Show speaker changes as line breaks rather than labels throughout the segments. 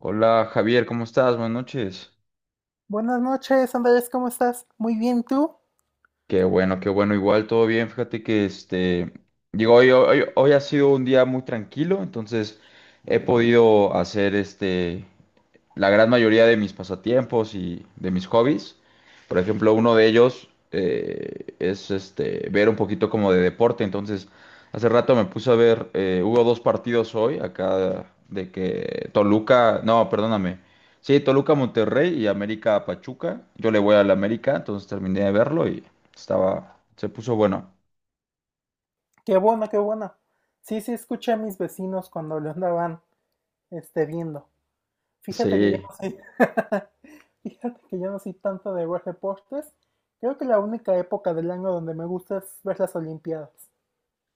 Hola Javier, ¿cómo estás? Buenas noches.
Buenas noches, Andrés, ¿cómo estás? Muy bien, ¿tú?
Qué bueno, igual todo bien. Fíjate que digo, hoy ha sido un día muy tranquilo, entonces he podido hacer la gran mayoría de mis pasatiempos y de mis hobbies. Por ejemplo, uno de ellos es este, ver un poquito como de deporte. Entonces, hace rato me puse a ver, hubo dos partidos hoy acá de que Toluca, no, perdóname. Sí, Toluca Monterrey y América Pachuca. Yo le voy al América, entonces terminé de verlo y se puso bueno.
Qué bueno, qué bueno. Sí, sí, escuché a mis vecinos cuando lo andaban, viendo. Fíjate que yo
Sí.
no soy, fíjate que yo no soy tanto de ver deportes. Creo que la única época del año donde me gusta es ver las Olimpiadas.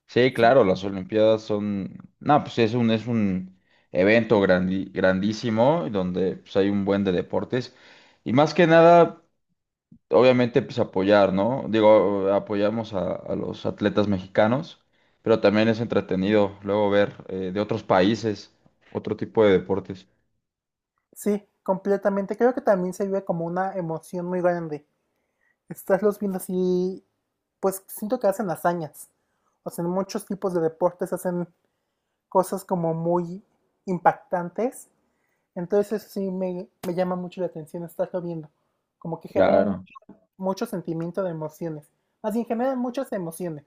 Sí,
Sí, ¿no?
claro, las Olimpiadas son, no, pues es un grandísimo donde pues, hay un buen de deportes y más que nada, obviamente, pues apoyar, ¿no? Digo, apoyamos a los atletas mexicanos, pero también es entretenido luego ver de otros países otro tipo de deportes.
Sí, completamente. Creo que también se vive como una emoción muy grande. Estás los viendo así, pues siento que hacen hazañas. O sea, en muchos tipos de deportes hacen cosas como muy impactantes. Entonces eso sí me llama mucho la atención estarlo viendo. Como que generan
Claro.
mucho, mucho sentimiento de emociones. Más bien generan muchas emociones.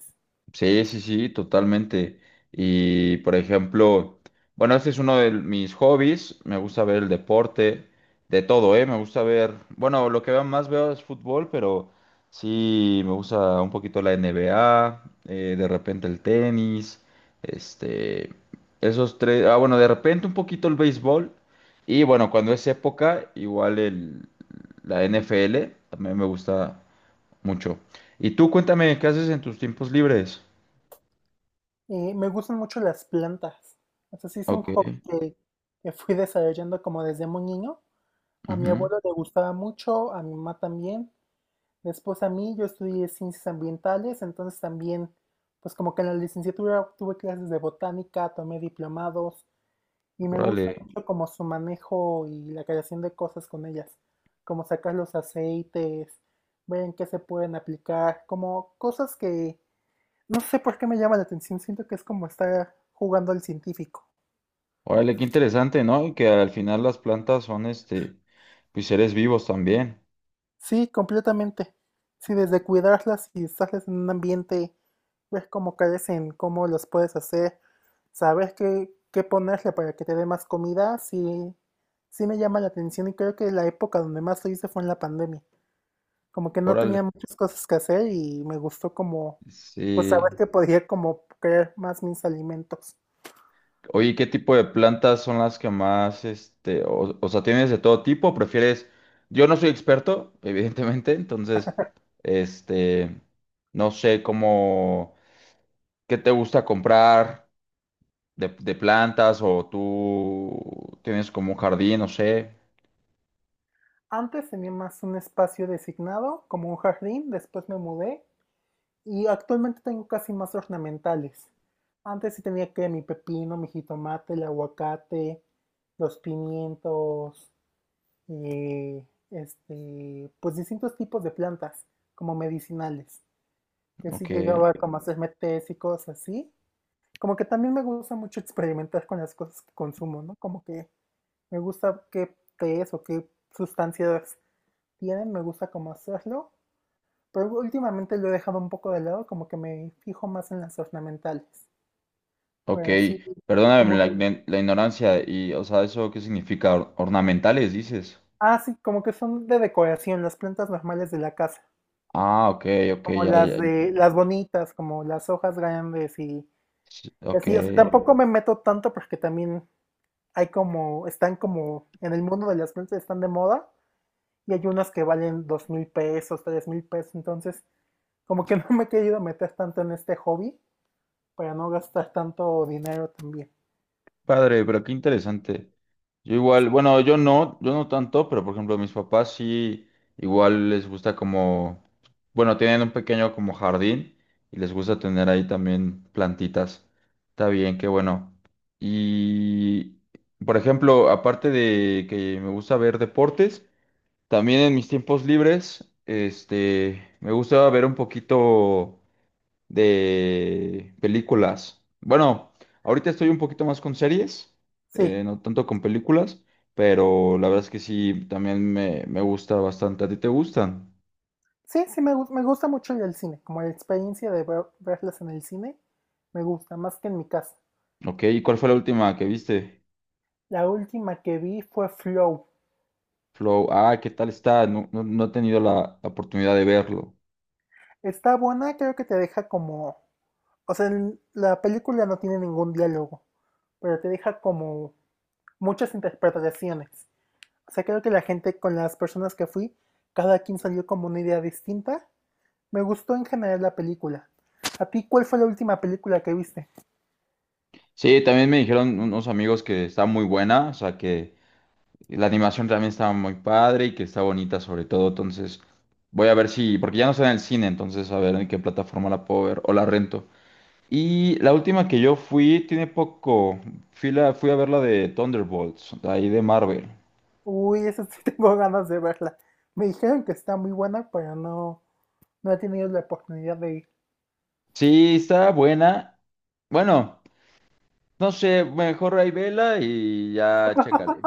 Sí, sí, sí, totalmente. Y por ejemplo, bueno, este es uno de mis hobbies. Me gusta ver el deporte, de todo, ¿eh? Me gusta ver, bueno, más veo es fútbol, pero sí, me gusta un poquito la NBA, de repente el tenis, este, esos tres, ah, bueno, de repente un poquito el béisbol. Y bueno, cuando es época, igual el, la NFL también me gusta mucho. Y tú, cuéntame, ¿qué haces en tus tiempos libres?
Me gustan mucho las plantas. O sea, sí es un
Ok.
que fui desarrollando como desde muy niño. A mi
Ujú.
abuelo le gustaba mucho, a mi mamá también. Después a mí, yo estudié ciencias ambientales, entonces también, pues como que en la licenciatura tuve clases de botánica, tomé diplomados. Y me gusta
Órale.
mucho como su manejo y la creación de cosas con ellas, como sacar los aceites, ver en qué se pueden aplicar, como cosas que no sé por qué me llama la atención, siento que es como estar jugando al científico.
Órale, qué interesante, ¿no? Y que al final las plantas son, este, pues seres vivos también.
Sí, completamente. Sí, desde cuidarlas y estarles en un ambiente, ver cómo carecen, cómo los puedes hacer, saber qué ponerle para que te dé más comida, sí, sí me llama la atención y creo que la época donde más lo hice fue en la pandemia. Como que no
Órale.
tenía muchas cosas que hacer y me gustó como, pues saber
Sí.
que podía como crear más mis alimentos.
Oye, ¿qué tipo de plantas son las que más, este, o sea, ¿tienes de todo tipo? ¿Prefieres? Yo no soy experto, evidentemente, entonces, este, no sé cómo, qué te gusta comprar de plantas o tú tienes como un jardín, no sé.
Antes tenía más un espacio designado, como un jardín, después me mudé y actualmente tengo casi más ornamentales. Antes sí tenía que mi pepino, mi jitomate, el aguacate, los pimientos, eh, pues distintos tipos de plantas como medicinales, que sí
Ok.
llegaba como a hacerme tés y cosas así, como que también me gusta mucho experimentar con las cosas que consumo, ¿no? Como que me gusta qué es o qué sustancias tienen, me gusta cómo hacerlo, pero últimamente lo he dejado un poco de lado, como que me fijo más en las ornamentales,
Ok,
pero sí,
perdóname
como de-
la ignorancia y, o sea, ¿eso qué significa? ¿Ornamentales, dices?
ah, sí, como que son de decoración, las plantas normales de la casa,
Ah, ok, ok,
como
ya,
las
ya.
de las bonitas, como las hojas grandes
Sí,
y
ok,
así, o sea, tampoco me meto tanto porque también hay como, están como en el mundo de las plantas están de moda y hay unas que valen $2000, $3000, entonces como que no me he querido meter tanto en este hobby para no gastar tanto dinero también.
padre, pero qué interesante. Yo igual, bueno, yo no tanto, pero por ejemplo, mis papás sí, igual les gusta como, bueno, tienen un pequeño como jardín y les gusta tener ahí también plantitas. Está bien, qué bueno. Y, por ejemplo, aparte de que me gusta ver deportes, también en mis tiempos libres, este, me gusta ver un poquito de películas. Bueno, ahorita estoy un poquito más con series,
Sí,
no tanto con películas, pero la verdad es que sí, también me gusta bastante. ¿A ti te gustan?
sí, me gusta mucho ir al cine, como la experiencia de verlas en el cine, me gusta más que en mi casa.
Ok, ¿y cuál fue la última que viste?
La última que vi fue Flow.
Flow, ah, ¿qué tal está? No, no, no he tenido la oportunidad de verlo.
Está buena, creo que te deja como… O sea, la película no tiene ningún diálogo, pero te deja como muchas interpretaciones. O sea, creo que la gente con las personas que fui, cada quien salió como una idea distinta. Me gustó en general la película. ¿A ti cuál fue la última película que viste?
Sí, también me dijeron unos amigos que está muy buena, o sea, que y la animación también estaba muy padre y que está bonita sobre todo, entonces voy a ver si, porque ya no está en el cine, entonces a ver en qué plataforma la puedo ver o la rento. Y la última que yo fui, tiene poco, fui a ver la de Thunderbolts, de ahí de Marvel.
Uy, esa sí tengo ganas de verla. Me dijeron que está muy buena, pero no, no he tenido la oportunidad de ir.
Sí, está buena. Bueno, no sé, mejor ahí vela y ya chécale.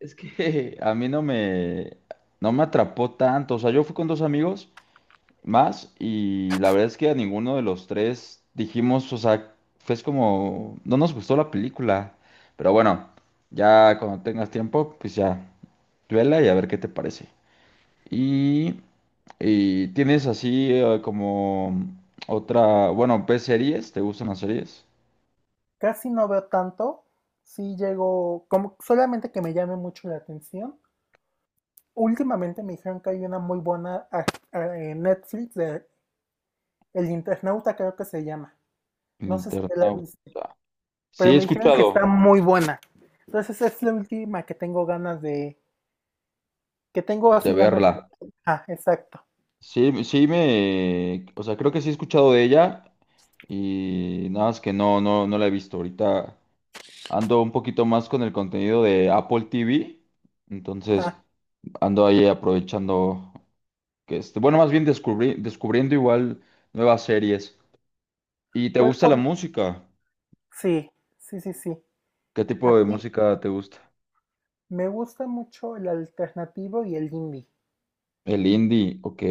Es que a mí no me, no me atrapó tanto, o sea, yo fui con dos amigos. Más y la verdad es que a ninguno de los tres dijimos, o sea, fue es como, no nos gustó la película, pero bueno, ya cuando tengas tiempo, pues ya, vela y a ver qué te parece. Y, y tienes así como otra, bueno, ¿ves series? ¿Te gustan las series?
Casi no veo tanto. Sí llego, como solamente que me llame mucho la atención. Últimamente me dijeron que hay una muy buena en Netflix de El Internauta, creo que se llama.
El
No sé si la
Internauta.
viste.
Sí,
Pero
he
me dijeron que está
escuchado
muy buena. Entonces es la última que tengo ganas de, que tengo
de
así ganas
verla.
de… Ah, exacto.
Sí, sí o sea, creo que sí he escuchado de ella y nada más que no la he visto ahorita. Ando un poquito más con el contenido de Apple TV, entonces
Ajá.
ando ahí aprovechando que este, bueno, más bien descubriendo igual nuevas series. ¿Y te
¿Cuál
gusta la
fue?
música?
Sí, sí, sí, sí.
¿Qué
A
tipo de
ti
música te gusta?
me gusta mucho el alternativo y el indie.
El indie, ok.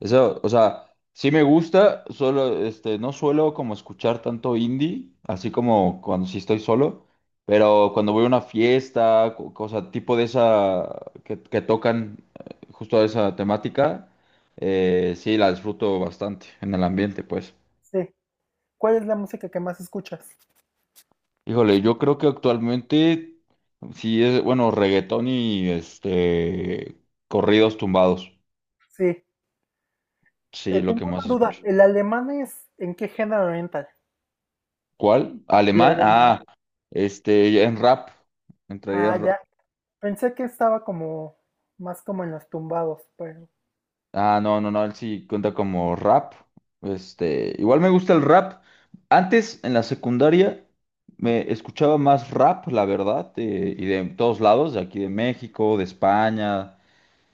Eso, o sea, sí me gusta, solo, este, no suelo como escuchar tanto indie, así como cuando sí estoy solo, pero cuando voy a una fiesta, cosa tipo de esa que tocan justo esa temática, sí la disfruto bastante en el ambiente, pues.
Sí. ¿Cuál es la música que más escuchas?
Híjole, yo creo que actualmente sí es, bueno, reggaetón y este corridos tumbados,
Sí.
sí, lo
Tengo
que más
una duda.
escucho.
¿El alemán es en qué género oriental?
¿Cuál?
El
¿Alemán?
alemán.
Ah, este, en rap. Entraría en
Ah,
rap.
ya. Pensé que estaba como más como en los tumbados, pero
Ah, no, no, no, él sí cuenta como rap. Este, igual me gusta el rap. Antes, en la secundaria, me escuchaba más rap, la verdad, y de todos lados, de aquí de México, de España.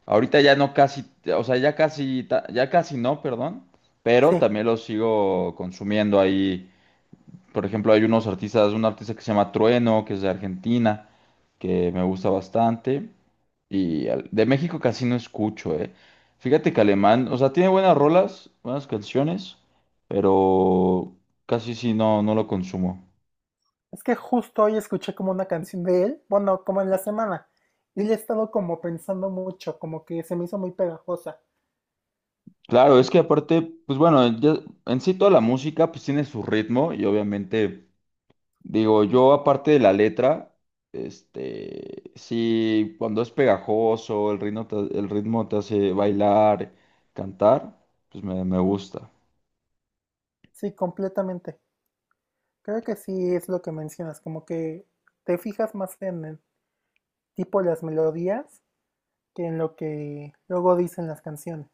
Ahorita ya no casi, o sea, ya casi no, perdón, pero
sí.
también lo sigo consumiendo ahí. Por ejemplo, un artista que se llama Trueno, que es de Argentina, que me gusta bastante. Y de México casi no escucho, eh. Fíjate que Alemán, o sea, tiene buenas rolas, buenas canciones, pero casi sí no, no lo consumo.
Es que justo hoy escuché como una canción de él, bueno, como en la semana, y le he estado como pensando mucho, como que se me hizo muy pegajosa.
Claro, es que aparte, pues bueno, en sí toda la música pues tiene su ritmo y obviamente digo, yo aparte de la letra, este, sí, cuando es pegajoso, el ritmo te hace bailar, cantar, pues me gusta.
Sí, completamente. Creo que sí es lo que mencionas, como que te fijas más en el tipo de las melodías que en lo que luego dicen las canciones.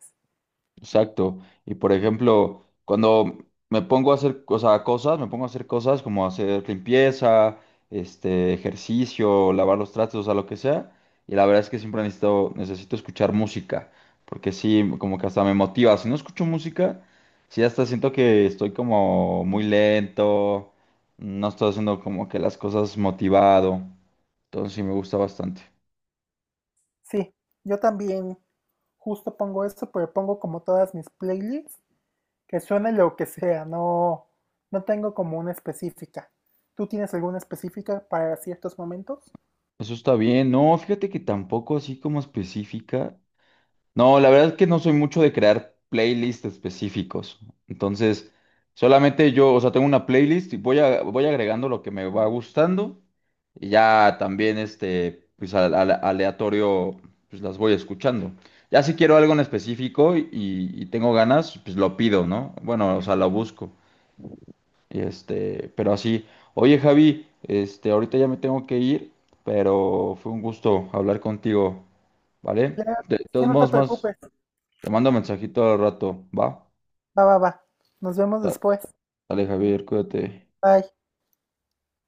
Exacto. Y por ejemplo, cuando me pongo a hacer cosas como hacer limpieza, este, ejercicio, lavar los tratos, o sea, lo que sea. Y la verdad es que siempre necesito escuchar música, porque sí, como que hasta me motiva. Si no escucho música, sí hasta siento que estoy como muy lento, no estoy haciendo como que las cosas motivado. Entonces sí me gusta bastante.
Sí, yo también justo pongo eso, pero pongo como todas mis playlists, que suene lo que sea, no, no tengo como una específica. ¿Tú tienes alguna específica para ciertos momentos?
Eso está bien. No, fíjate que tampoco así como específica. No, la verdad es que no soy mucho de crear playlists específicos. Entonces, solamente yo, o sea, tengo una playlist y voy agregando lo que me va gustando. Y ya también, este, pues aleatorio, pues las voy escuchando. Ya si quiero algo en específico y tengo ganas, pues lo pido, ¿no? Bueno, o sea, lo busco. Y este, pero así. Oye, Javi, este, ahorita ya me tengo que ir, pero fue un gusto hablar contigo, ¿vale?
Ya,
De
ya
todos
no te
modos, más.
preocupes.
Te mando mensajito al rato, ¿va?
Va, va, va. Nos vemos
Da-
después.
Dale, Javier, cuídate.
Bye.